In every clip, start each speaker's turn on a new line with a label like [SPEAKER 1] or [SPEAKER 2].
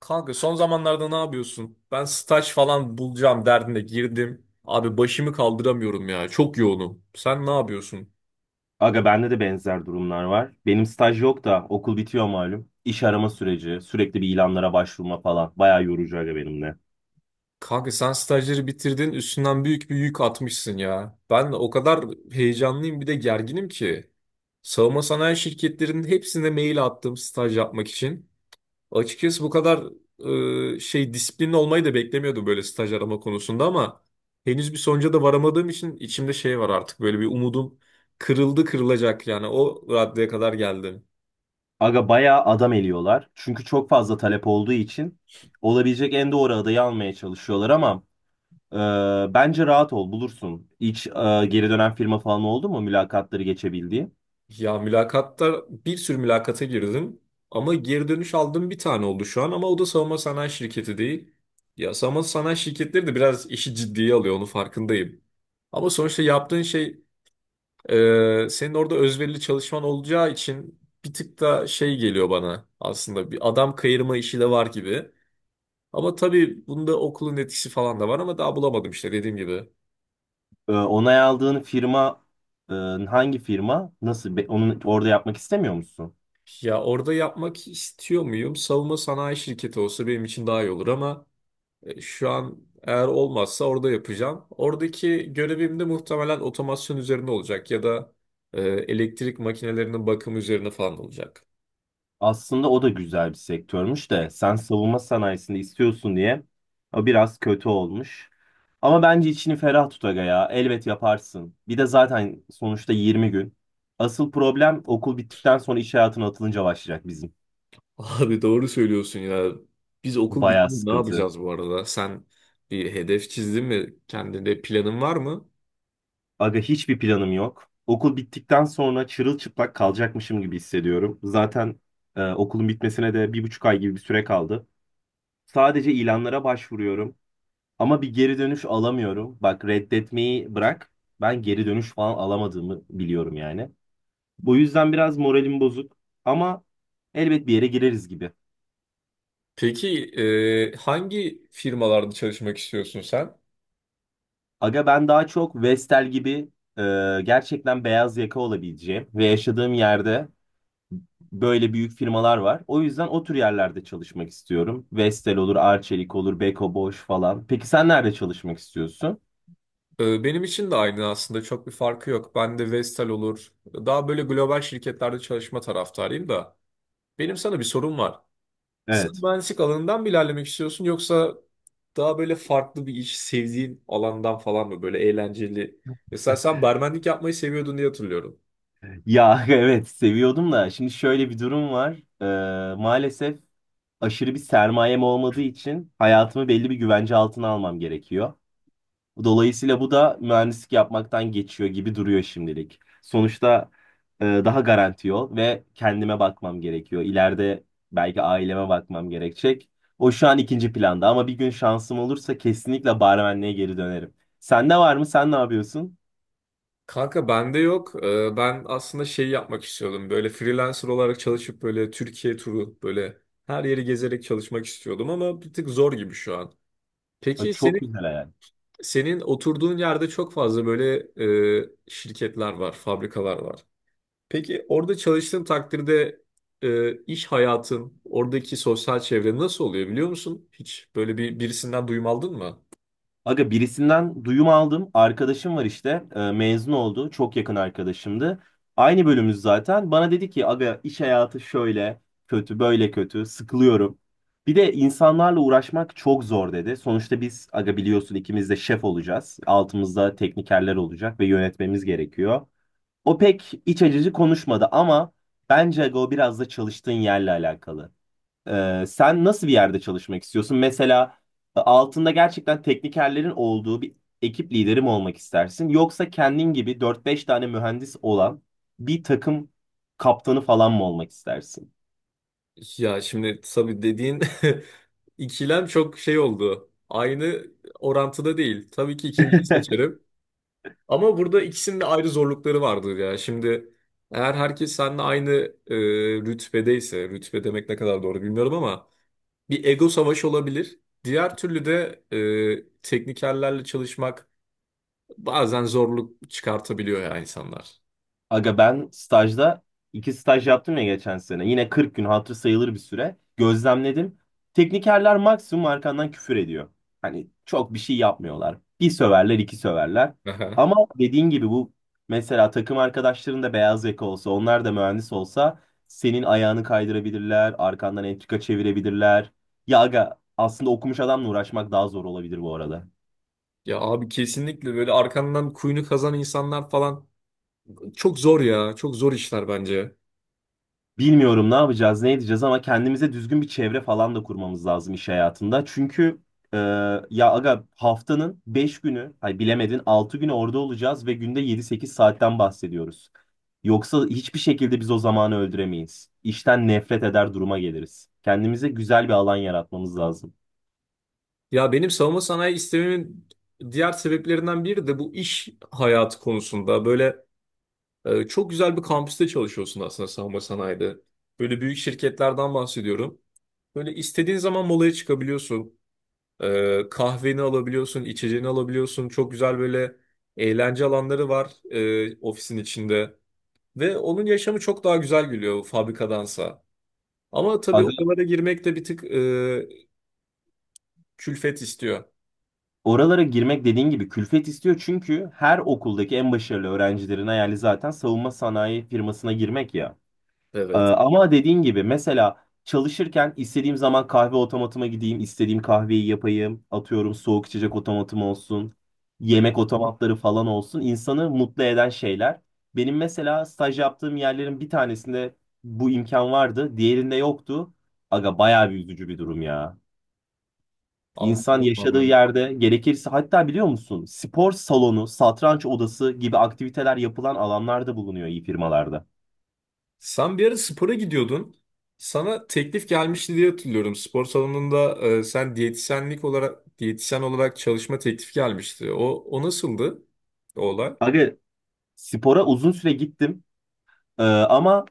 [SPEAKER 1] Kanka son zamanlarda ne yapıyorsun? Ben staj falan bulacağım derdine girdim. Abi başımı kaldıramıyorum ya. Çok yoğunum. Sen ne yapıyorsun?
[SPEAKER 2] Aga bende de benzer durumlar var. Benim staj yok da okul bitiyor malum. İş arama süreci, sürekli bir ilanlara başvurma falan. Bayağı yorucu aga benim de.
[SPEAKER 1] Kanka sen stajları bitirdin, üstünden büyük bir yük atmışsın ya. Ben o kadar heyecanlıyım bir de gerginim ki. Savunma sanayi şirketlerinin hepsine mail attım staj yapmak için. Açıkçası bu kadar disiplinli olmayı da beklemiyordum böyle staj arama konusunda, ama henüz bir sonuca da varamadığım için içimde şey var artık, böyle bir umudum kırıldı kırılacak yani, o raddeye kadar geldim.
[SPEAKER 2] Aga bayağı adam eliyorlar. Çünkü çok fazla talep olduğu için olabilecek en doğru adayı almaya çalışıyorlar ama bence rahat ol bulursun. Hiç geri dönen firma falan oldu mu mülakatları geçebildiği?
[SPEAKER 1] Ya mülakatta, bir sürü mülakata girdim ama geri dönüş aldığım bir tane oldu şu an, ama o da savunma sanayi şirketi değil. Ya savunma sanayi şirketleri de biraz işi ciddiye alıyor, onu farkındayım. Ama sonuçta yaptığın şey, senin orada özverili çalışman olacağı için bir tık da şey geliyor bana, aslında bir adam kayırma işi de var gibi. Ama tabii bunda okulun etkisi falan da var, ama daha bulamadım işte dediğim gibi.
[SPEAKER 2] Onay aldığın firma e, hangi firma? Nasıl? Onu orada yapmak istemiyor musun?
[SPEAKER 1] Ya orada yapmak istiyor muyum? Savunma sanayi şirketi olsa benim için daha iyi olur ama şu an eğer olmazsa orada yapacağım. Oradaki görevim de muhtemelen otomasyon üzerine olacak ya da elektrik makinelerinin bakımı üzerine falan olacak.
[SPEAKER 2] Aslında o da güzel bir sektörmüş de sen savunma sanayisini istiyorsun diye o biraz kötü olmuş. Ama bence içini ferah tut aga ya. Elbet yaparsın. Bir de zaten sonuçta 20 gün. Asıl problem okul bittikten sonra iş hayatına atılınca başlayacak bizim.
[SPEAKER 1] Abi doğru söylüyorsun ya. Biz okul
[SPEAKER 2] Bayağı
[SPEAKER 1] bitince ne
[SPEAKER 2] sıkıntı.
[SPEAKER 1] yapacağız bu arada? Sen bir hedef çizdin mi? Kendine planın var mı?
[SPEAKER 2] Aga hiçbir planım yok. Okul bittikten sonra çırılçıplak kalacakmışım gibi hissediyorum. Zaten okulun bitmesine de 1,5 ay gibi bir süre kaldı. Sadece ilanlara başvuruyorum. Ama bir geri dönüş alamıyorum. Bak reddetmeyi bırak. Ben geri dönüş falan alamadığımı biliyorum yani. Bu yüzden biraz moralim bozuk. Ama elbet bir yere gireriz gibi.
[SPEAKER 1] Peki hangi firmalarda çalışmak istiyorsun sen?
[SPEAKER 2] Aga ben daha çok Vestel gibi e, gerçekten beyaz yaka olabileceğim ve yaşadığım yerde böyle büyük firmalar var. O yüzden o tür yerlerde çalışmak istiyorum. Vestel olur, Arçelik olur, Beko Boş falan. Peki sen nerede çalışmak istiyorsun?
[SPEAKER 1] Benim için de aynı, aslında çok bir farkı yok. Ben de Vestel olur. Daha böyle global şirketlerde çalışma taraftarıyım da. Benim sana bir sorum var. Sen
[SPEAKER 2] Evet.
[SPEAKER 1] mühendislik alanından mı ilerlemek istiyorsun, yoksa daha böyle farklı bir iş, sevdiğin alandan falan mı, böyle eğlenceli? Mesela sen barmenlik yapmayı seviyordun diye hatırlıyorum.
[SPEAKER 2] Ya evet seviyordum da şimdi şöyle bir durum var. Maalesef aşırı bir sermayem olmadığı için hayatımı belli bir güvence altına almam gerekiyor. Dolayısıyla bu da mühendislik yapmaktan geçiyor gibi duruyor şimdilik. Sonuçta daha garanti yol ve kendime bakmam gerekiyor. İleride belki aileme bakmam gerekecek. O şu an ikinci planda ama bir gün şansım olursa kesinlikle barmenliğe geri dönerim. Sende var mı? Sen ne yapıyorsun?
[SPEAKER 1] Kanka bende yok. Ben aslında şey yapmak istiyordum. Böyle freelancer olarak çalışıp böyle Türkiye turu, böyle her yeri gezerek çalışmak istiyordum ama bir tık zor gibi şu an.
[SPEAKER 2] Ay,
[SPEAKER 1] Peki
[SPEAKER 2] çok
[SPEAKER 1] senin,
[SPEAKER 2] güzel hayal.
[SPEAKER 1] senin oturduğun yerde çok fazla böyle şirketler var, fabrikalar var. Peki orada çalıştığın takdirde iş hayatın, oradaki sosyal çevre nasıl oluyor biliyor musun? Hiç böyle birisinden duyum aldın mı?
[SPEAKER 2] Aga birisinden duyum aldım. Arkadaşım var işte. Mezun oldu. Çok yakın arkadaşımdı. Aynı bölümümüz zaten. Bana dedi ki aga iş hayatı şöyle kötü, böyle kötü. Sıkılıyorum. Bir de insanlarla uğraşmak çok zor dedi. Sonuçta biz aga biliyorsun ikimiz de şef olacağız. Altımızda teknikerler olacak ve yönetmemiz gerekiyor. O pek iç acıcı konuşmadı ama bence aga o biraz da çalıştığın yerle alakalı. Sen nasıl bir yerde çalışmak istiyorsun? Mesela altında gerçekten teknikerlerin olduğu bir ekip lideri mi olmak istersin? Yoksa kendin gibi dört beş tane mühendis olan bir takım kaptanı falan mı olmak istersin?
[SPEAKER 1] Ya şimdi tabii dediğin İkilem çok şey oldu. Aynı orantıda değil. Tabii ki ikinciyi seçerim. Ama burada ikisinin de ayrı zorlukları vardır ya. Şimdi eğer herkes seninle aynı e, rütbedeyse, rütbe demek ne kadar doğru bilmiyorum ama, bir ego savaşı olabilir. Diğer türlü de teknikerlerle çalışmak bazen zorluk çıkartabiliyor, ya insanlar.
[SPEAKER 2] Aga ben stajda iki staj yaptım ya geçen sene. Yine 40 gün hatır sayılır bir süre. Gözlemledim. Teknikerler maksimum arkandan küfür ediyor. Hani çok bir şey yapmıyorlar. Bir söverler, iki söverler.
[SPEAKER 1] Aha.
[SPEAKER 2] Ama dediğin gibi bu mesela takım arkadaşların da beyaz yaka olsa, onlar da mühendis olsa senin ayağını kaydırabilirler, arkandan entrika çevirebilirler. Ya aga aslında okumuş adamla uğraşmak daha zor olabilir bu arada.
[SPEAKER 1] Ya abi, kesinlikle böyle arkandan kuyunu kazan insanlar falan çok zor ya. Çok zor işler bence.
[SPEAKER 2] Bilmiyorum ne yapacağız, ne edeceğiz ama kendimize düzgün bir çevre falan da kurmamız lazım iş hayatında. Çünkü e, ya aga haftanın 5 günü, ay bilemedin 6 günü orada olacağız ve günde 7-8 saatten bahsediyoruz. Yoksa hiçbir şekilde biz o zamanı öldüremeyiz. İşten nefret eder duruma geliriz. Kendimize güzel bir alan yaratmamız lazım.
[SPEAKER 1] Ya benim savunma sanayi istememin diğer sebeplerinden biri de bu, iş hayatı konusunda. Böyle çok güzel bir kampüste çalışıyorsun aslında savunma sanayide. Böyle büyük şirketlerden bahsediyorum. Böyle istediğin zaman molaya çıkabiliyorsun. Kahveni alabiliyorsun, içeceğini alabiliyorsun. Çok güzel böyle eğlence alanları var ofisin içinde. Ve onun yaşamı çok daha güzel geliyor fabrikadansa. Ama tabii
[SPEAKER 2] Aga
[SPEAKER 1] oralara girmek de bir tık külfet istiyor.
[SPEAKER 2] oralara girmek dediğin gibi külfet istiyor çünkü her okuldaki en başarılı öğrencilerin hayali zaten savunma sanayi firmasına girmek ya.
[SPEAKER 1] Evet.
[SPEAKER 2] Ama dediğin gibi mesela çalışırken istediğim zaman kahve otomatıma gideyim, istediğim kahveyi yapayım. Atıyorum soğuk içecek otomatım olsun, yemek otomatları falan olsun. İnsanı mutlu eden şeyler. Benim mesela staj yaptığım yerlerin bir tanesinde bu imkan vardı, diğerinde yoktu. Aga bayağı bir üzücü bir durum ya. İnsan
[SPEAKER 1] Anladım
[SPEAKER 2] yaşadığı
[SPEAKER 1] abi.
[SPEAKER 2] yerde gerekirse hatta biliyor musun spor salonu, satranç odası gibi aktiviteler yapılan alanlarda bulunuyor iyi firmalarda.
[SPEAKER 1] Sen bir ara spora gidiyordun. Sana teklif gelmişti diye hatırlıyorum. Spor salonunda, sen diyetisyenlik olarak, diyetisyen olarak çalışma teklifi gelmişti. O nasıldı? O olay.
[SPEAKER 2] Aga spora uzun süre gittim. Ama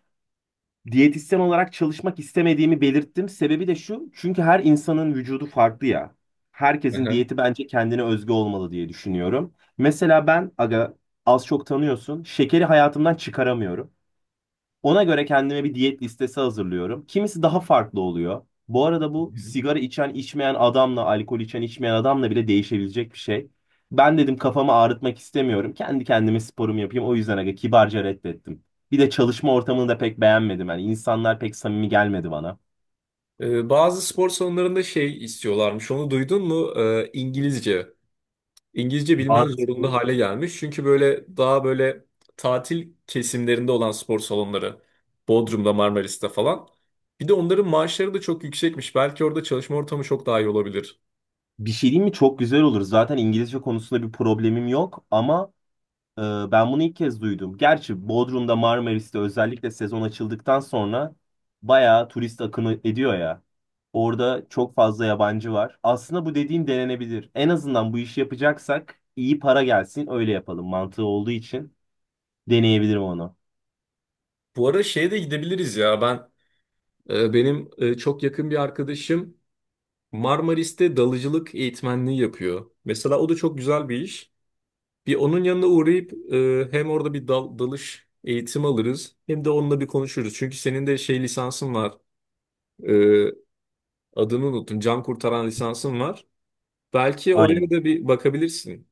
[SPEAKER 2] diyetisyen olarak çalışmak istemediğimi belirttim. Sebebi de şu, çünkü her insanın vücudu farklı ya. Herkesin
[SPEAKER 1] Aha.
[SPEAKER 2] diyeti bence kendine özgü olmalı diye düşünüyorum. Mesela ben aga az çok tanıyorsun, şekeri hayatımdan çıkaramıyorum. Ona göre kendime bir diyet listesi hazırlıyorum. Kimisi daha farklı oluyor. Bu arada bu sigara içen içmeyen adamla, alkol içen içmeyen adamla bile değişebilecek bir şey. Ben dedim kafamı ağrıtmak istemiyorum. Kendi kendime sporumu yapayım. O yüzden aga kibarca reddettim. Bir de çalışma ortamını da pek beğenmedim. Yani insanlar pek samimi gelmedi bana.
[SPEAKER 1] Bazı spor salonlarında şey istiyorlarmış. Onu duydun mu? İngilizce. İngilizce bilmen zorunda
[SPEAKER 2] Bazı-
[SPEAKER 1] hale gelmiş. Çünkü böyle daha böyle tatil kesimlerinde olan spor salonları. Bodrum'da, Marmaris'te falan. Bir de onların maaşları da çok yüksekmiş. Belki orada çalışma ortamı çok daha iyi olabilir.
[SPEAKER 2] Bir şey diyeyim mi? Çok güzel olur. Zaten İngilizce konusunda bir problemim yok ama Ee, Ben bunu ilk kez duydum. Gerçi Bodrum'da Marmaris'te özellikle sezon açıldıktan sonra bayağı turist akını ediyor ya. Orada çok fazla yabancı var. Aslında bu dediğin denenebilir. En azından bu işi yapacaksak iyi para gelsin öyle yapalım. Mantığı olduğu için deneyebilirim onu.
[SPEAKER 1] Bu arada şeye de gidebiliriz ya. Ben e, benim e, çok yakın bir arkadaşım Marmaris'te dalıcılık eğitmenliği yapıyor. Mesela o da çok güzel bir iş. Bir onun yanına uğrayıp hem orada bir dalış eğitimi alırız, hem de onunla bir konuşuruz. Çünkü senin de şey lisansın var. E, Adını unuttum. Can kurtaran lisansın var. Belki oraya
[SPEAKER 2] Aynen.
[SPEAKER 1] da bir bakabilirsin.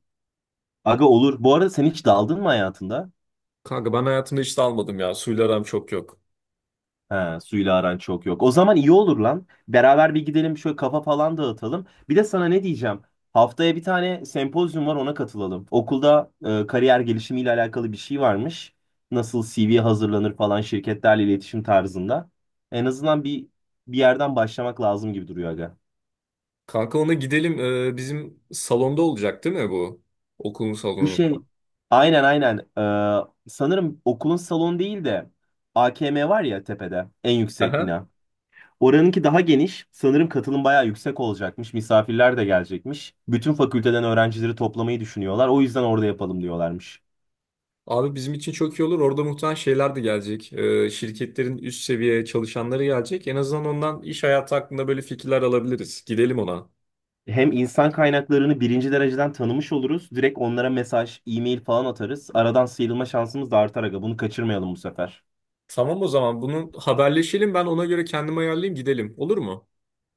[SPEAKER 2] Aga olur. Bu arada sen hiç daldın mı hayatında?
[SPEAKER 1] Kanka ben hayatımda hiç dalmadım ya. Suyla aram çok yok.
[SPEAKER 2] He, suyla aran çok yok. O zaman iyi olur lan. Beraber bir gidelim şöyle kafa falan dağıtalım. Bir de sana ne diyeceğim? Haftaya bir tane sempozyum var ona katılalım. Okulda kariyer gelişimiyle alakalı bir şey varmış. Nasıl CV hazırlanır falan şirketlerle iletişim tarzında. En azından bir yerden başlamak lazım gibi duruyor aga.
[SPEAKER 1] Kanka ona gidelim. Bizim salonda olacak değil mi bu? Okulun
[SPEAKER 2] Bu şey
[SPEAKER 1] salonunda.
[SPEAKER 2] aynen aynen. Sanırım okulun salonu değil de AKM var ya tepede en yüksek
[SPEAKER 1] Aha.
[SPEAKER 2] bina. Oranınki daha geniş. Sanırım katılım bayağı yüksek olacakmış. Misafirler de gelecekmiş. Bütün fakülteden öğrencileri toplamayı düşünüyorlar. O yüzden orada yapalım diyorlarmış.
[SPEAKER 1] Abi bizim için çok iyi olur. Orada muhtemelen şeyler de gelecek. Şirketlerin üst seviye çalışanları gelecek. En azından ondan iş hayatı hakkında böyle fikirler alabiliriz. Gidelim ona.
[SPEAKER 2] Hem insan kaynaklarını birinci dereceden tanımış oluruz. Direkt onlara mesaj, e-mail falan atarız. Aradan sıyrılma şansımız da artar aga. Bunu kaçırmayalım bu sefer.
[SPEAKER 1] Tamam, o zaman bunu haberleşelim. Ben ona göre kendimi ayarlayayım, gidelim. Olur mu?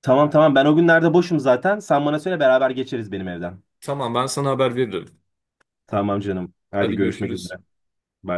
[SPEAKER 2] Tamam tamam ben o günlerde boşum zaten. Sen bana söyle beraber geçeriz benim evden.
[SPEAKER 1] Tamam, ben sana haber veririm.
[SPEAKER 2] Tamam canım. Hadi
[SPEAKER 1] Hadi
[SPEAKER 2] görüşmek üzere.
[SPEAKER 1] görüşürüz.
[SPEAKER 2] Bay bay.